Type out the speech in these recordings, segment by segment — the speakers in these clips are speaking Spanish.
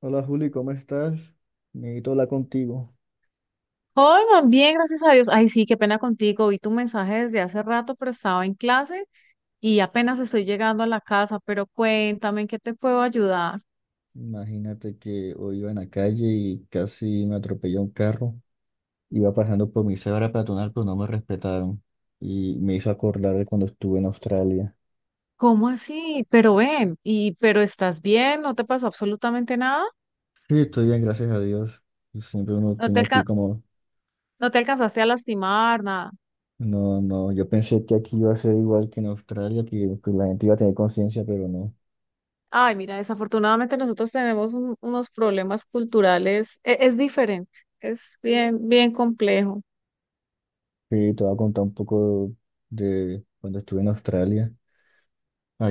Hola Juli, ¿cómo estás? Necesito hablar contigo. Holman, bien, gracias a Dios. Ay, sí, qué pena contigo. Vi tu mensaje desde hace rato, pero estaba en clase y apenas estoy llegando a la casa, pero cuéntame, ¿en qué te puedo ayudar? Imagínate que hoy iba en la calle y casi me atropelló un carro. Iba pasando por mi cebra peatonal, pero no me respetaron. Y me hizo acordar de cuando estuve en Australia. ¿Cómo así? Pero ven, y pero estás bien, no te pasó absolutamente nada, Sí, estoy bien, gracias a Dios. Y siempre uno no te tiene aquí alca- como. no te alcanzaste a lastimar, nada. No, no, yo pensé que aquí iba a ser igual que en Australia, que la gente iba a tener conciencia, pero no. Ay, mira, desafortunadamente nosotros tenemos unos problemas culturales, es, diferente, es bien, bien complejo. Sí, te voy a contar un poco de cuando estuve en Australia.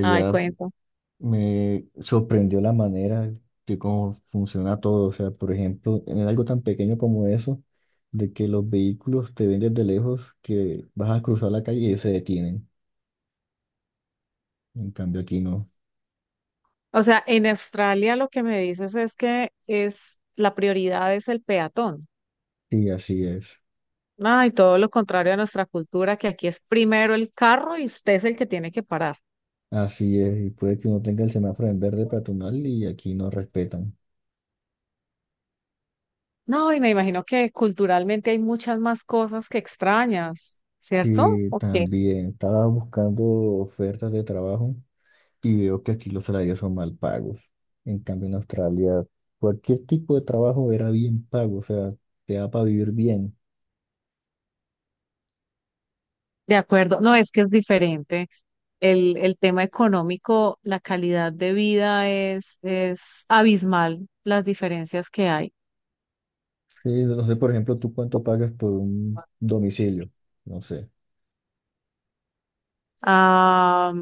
Ay, cuéntame. me sorprendió la manera de cómo funciona todo. O sea, por ejemplo, en algo tan pequeño como eso, de que los vehículos te ven desde lejos, que vas a cruzar la calle y ellos se detienen. En cambio, aquí no. O sea, en Australia lo que me dices es que es la prioridad es el peatón. Sí, así es. Ay, todo lo contrario a nuestra cultura, que aquí es primero el carro y usted es el que tiene que parar. Así es. Y puede que uno tenga el semáforo en verde peatonal y aquí no respetan. No, y me imagino que culturalmente hay muchas más cosas que extrañas, ¿cierto? Y Ok. también estaba buscando ofertas de trabajo. Y veo que aquí los salarios son mal pagos. En cambio, en Australia, cualquier tipo de trabajo era bien pago, o sea, te da para vivir bien. De acuerdo. No, es que es diferente. El tema económico, la calidad de vida es abismal, las diferencias que hay. Sí, no sé, por ejemplo, tú cuánto pagas por un domicilio. No sé. Ah,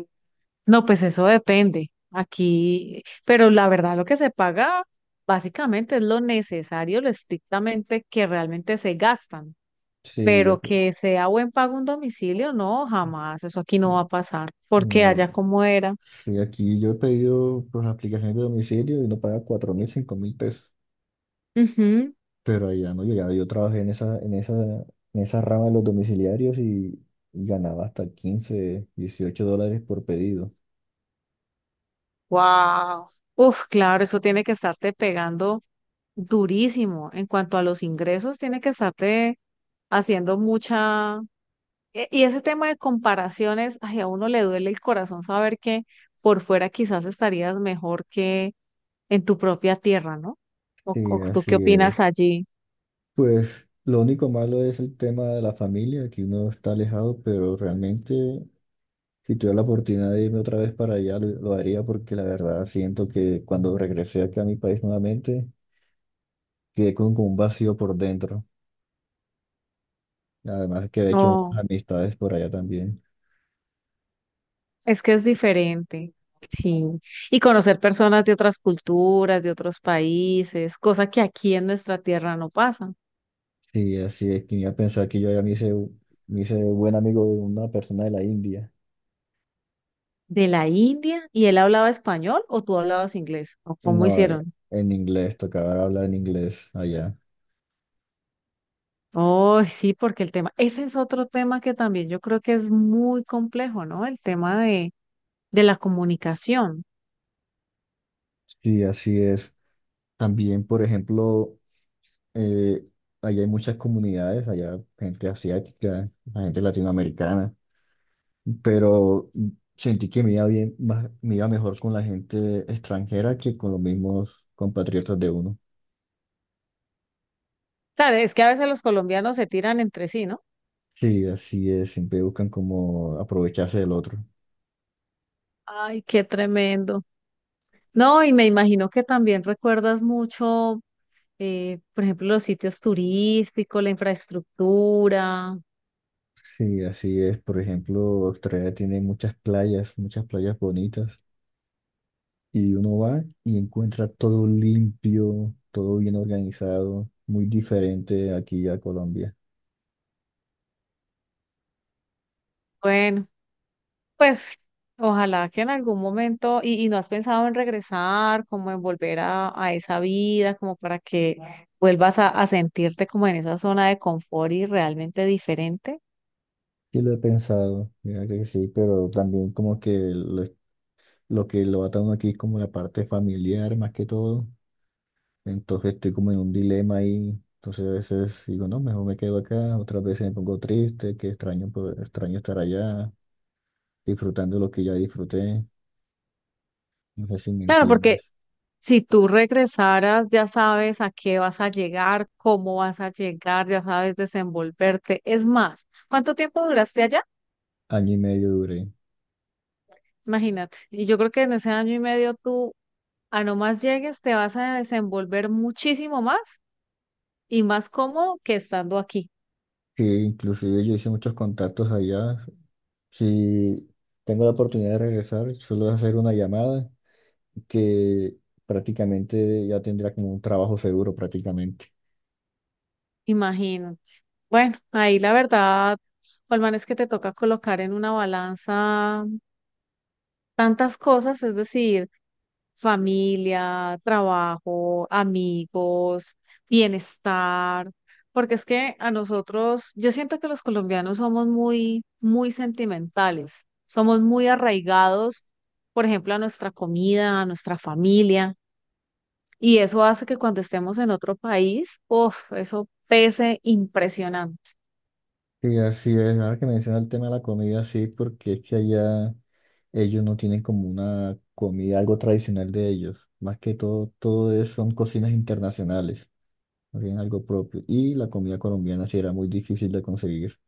no, pues eso depende. Aquí, pero la verdad lo que se paga básicamente es lo necesario, lo estrictamente que realmente se gastan, Sí, pero que sea buen pago un domicilio, no, jamás, eso aquí no va a pasar, porque no, allá como era. sí, aquí yo he pedido por las aplicaciones de domicilio y no paga 4.000, 5.000 pesos. Ujú. Pero allá no. Yo trabajé en esa rama de los domiciliarios y ganaba hasta 15 18 dólares por pedido. Wow. Uf, claro, eso tiene que estarte pegando durísimo. En cuanto a los ingresos, tiene que estarte haciendo mucha, y ese tema de comparaciones, ay, a uno le duele el corazón saber que por fuera quizás estarías mejor que en tu propia tierra, ¿no? Sí, O tú qué así opinas es. allí? Pues lo único malo es el tema de la familia, que uno está alejado, pero realmente si tuviera la oportunidad de irme otra vez para allá, lo haría porque la verdad siento que cuando regresé acá a mi país nuevamente, quedé con un vacío por dentro. Además que he hecho No, unas amistades por allá también. es que es diferente, sí. Y conocer personas de otras culturas, de otros países, cosa que aquí en nuestra tierra no pasa. Sí, así es, quería pensar que yo ya me hice buen amigo de una persona de la India. ¿De la India? ¿Y él hablaba español o tú hablabas inglés? ¿O cómo No, hicieron? en inglés, tocaba hablar en inglés allá. Oh, sí, porque el tema, ese es otro tema que también yo creo que es muy complejo, ¿no? El tema de la comunicación. Sí, así es. También, por ejemplo... Eh, allá hay muchas comunidades, allá gente asiática, la gente latinoamericana, pero sentí que me iba bien, me iba mejor con la gente extranjera que con los mismos compatriotas de uno. Claro, es que a veces los colombianos se tiran entre sí, ¿no? Sí, así es, siempre buscan como aprovecharse del otro. Ay, qué tremendo. No, y me imagino que también recuerdas mucho, por ejemplo, los sitios turísticos, la infraestructura. Sí, así es. Por ejemplo, Australia tiene muchas playas bonitas, y uno va y encuentra todo limpio, todo bien organizado, muy diferente aquí a Colombia. Bueno, pues ojalá que en algún momento, y no has pensado en regresar, como en volver a esa vida, como para que vuelvas a sentirte como en esa zona de confort y realmente diferente. Sí, lo he pensado, mira que sí, pero también como que lo que lo ata uno aquí es como la parte familiar más que todo, entonces estoy como en un dilema ahí, entonces a veces digo, no, mejor me quedo acá, otras veces me pongo triste, que extraño, pues, extraño estar allá, disfrutando lo que ya disfruté, no sé si me Claro, porque entiendes. si tú regresaras, ya sabes a qué vas a llegar, cómo vas a llegar, ya sabes desenvolverte. Es más, ¿cuánto tiempo duraste allá? Año y medio duré, Imagínate. Y yo creo que en ese año y medio tú, a no más llegues, te vas a desenvolver muchísimo más y más cómodo que estando aquí. sí, inclusive yo hice muchos contactos allá, si tengo la oportunidad de regresar, suelo hacer una llamada que prácticamente ya tendría como un trabajo seguro prácticamente. Imagínate. Bueno, ahí la verdad, Holman, es que te toca colocar en una balanza tantas cosas, es decir, familia, trabajo, amigos, bienestar, porque es que a nosotros, yo siento que los colombianos somos muy, muy sentimentales, somos muy arraigados, por ejemplo, a nuestra comida, a nuestra familia, y eso hace que cuando estemos en otro país, uff, eso pese impresionante. Y así es, ahora que menciona el tema de la comida, sí, porque es que allá ellos no tienen como una comida, algo tradicional de ellos. Más que todo, son cocinas internacionales, no tienen algo propio. Y la comida colombiana sí era muy difícil de conseguir.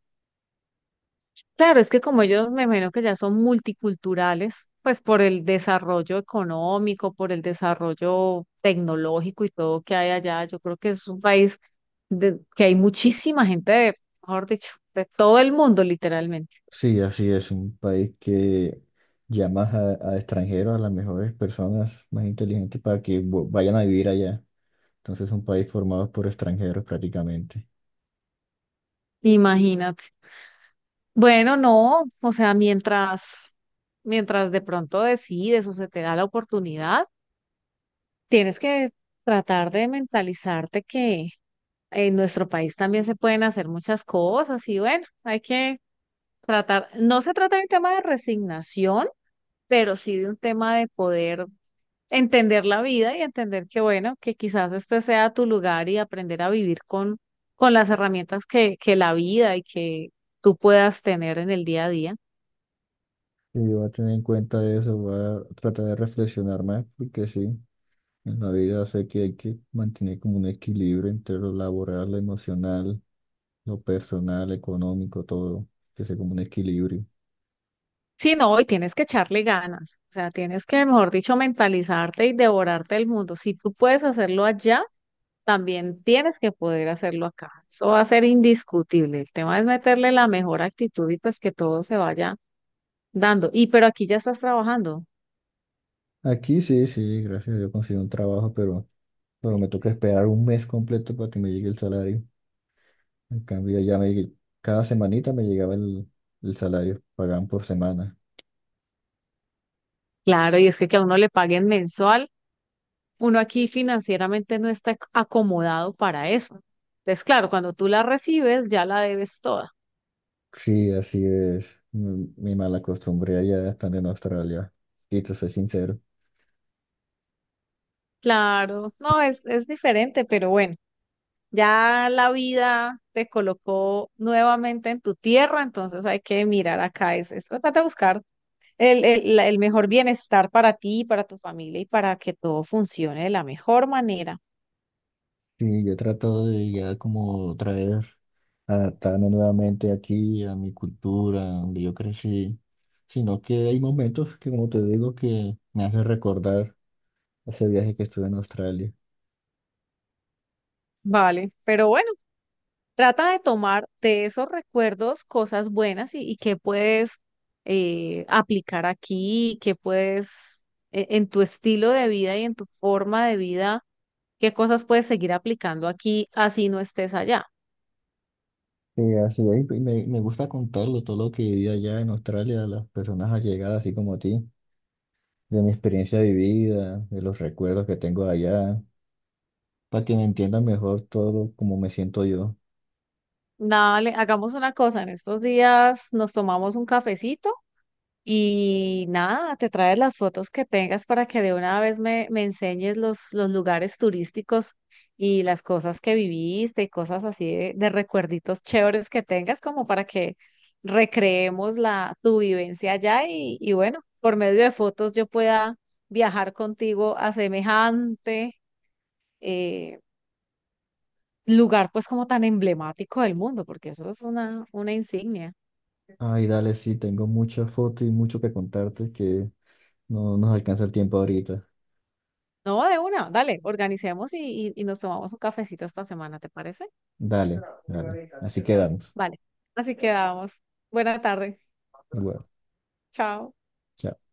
Claro, es que como ellos me imagino que ya son multiculturales, pues por el desarrollo económico, por el desarrollo tecnológico y todo que hay allá, yo creo que es un país de, que hay muchísima gente de, mejor dicho, de todo el mundo literalmente. Sí, así es, un país que llama a extranjeros, a las mejores personas más inteligentes para que vayan a vivir allá. Entonces, un país formado por extranjeros prácticamente. Imagínate. Bueno, no, o sea, mientras de pronto decides o se te da la oportunidad, tienes que tratar de mentalizarte que en nuestro país también se pueden hacer muchas cosas y bueno, hay que tratar, no se trata de un tema de resignación, pero sí de un tema de poder entender la vida y entender que, bueno, que quizás este sea tu lugar y aprender a vivir con las herramientas que la vida y que tú puedas tener en el día a día. Y voy a tener en cuenta eso, voy a tratar de reflexionar más, porque sí, en la vida sé que hay que mantener como un equilibrio entre lo laboral, lo emocional, lo personal, económico, todo, que sea como un equilibrio. Sí, no, y tienes que echarle ganas, o sea, tienes que, mejor dicho, mentalizarte y devorarte el mundo. Si tú puedes hacerlo allá, también tienes que poder hacerlo acá. Eso va a ser indiscutible. El tema es meterle la mejor actitud y pues que todo se vaya dando. Y pero aquí ya estás trabajando. Aquí sí, sí, gracias a Dios consigo un trabajo, pero me toca esperar un mes completo para que me llegue el salario. En cambio, cada semanita me llegaba el salario, pagaban por semana. Claro, y es que a uno le paguen mensual, uno aquí financieramente no está acomodado para eso. Entonces, claro, cuando tú la recibes, ya la debes toda. Sí, así es, mi mala costumbre allá estando en Australia, y te soy sincero. Claro, no, es diferente, pero bueno. Ya la vida te colocó nuevamente en tu tierra, entonces hay que mirar acá, es tratar de buscar el mejor bienestar para ti, para tu familia y para que todo funcione de la mejor manera. Sí, yo he tratado de ya como adaptarme nuevamente aquí a mi cultura, donde yo crecí, sino que hay momentos que, como te digo, que me hacen recordar ese viaje que estuve en Australia. Vale, pero bueno, trata de tomar de esos recuerdos cosas buenas y qué puedes aplicar aquí, qué puedes en tu estilo de vida y en tu forma de vida, qué cosas puedes seguir aplicando aquí así no estés allá. Y así es, me gusta contarlo, todo lo que viví allá en Australia, a las personas allegadas, así como a ti, de mi experiencia vivida, de los recuerdos que tengo allá, para que me entiendan mejor todo como me siento yo. Dale, hagamos una cosa, en estos días nos tomamos un cafecito y nada, te traes las fotos que tengas para que de una vez me enseñes los lugares turísticos y las cosas que viviste y cosas así de recuerditos chéveres que tengas, como para que recreemos la, tu vivencia allá y bueno, por medio de fotos yo pueda viajar contigo a semejante eh, lugar pues como tan emblemático del mundo, porque eso es una insignia. Ay, dale, sí, tengo muchas fotos y mucho que contarte que no nos alcanza el tiempo ahorita. No, de una, dale, organicemos y nos tomamos un cafecito esta semana, ¿te parece? Dale, dale. Así quedamos. Vale, así quedamos. Buena tarde, Igual. chao. Chao.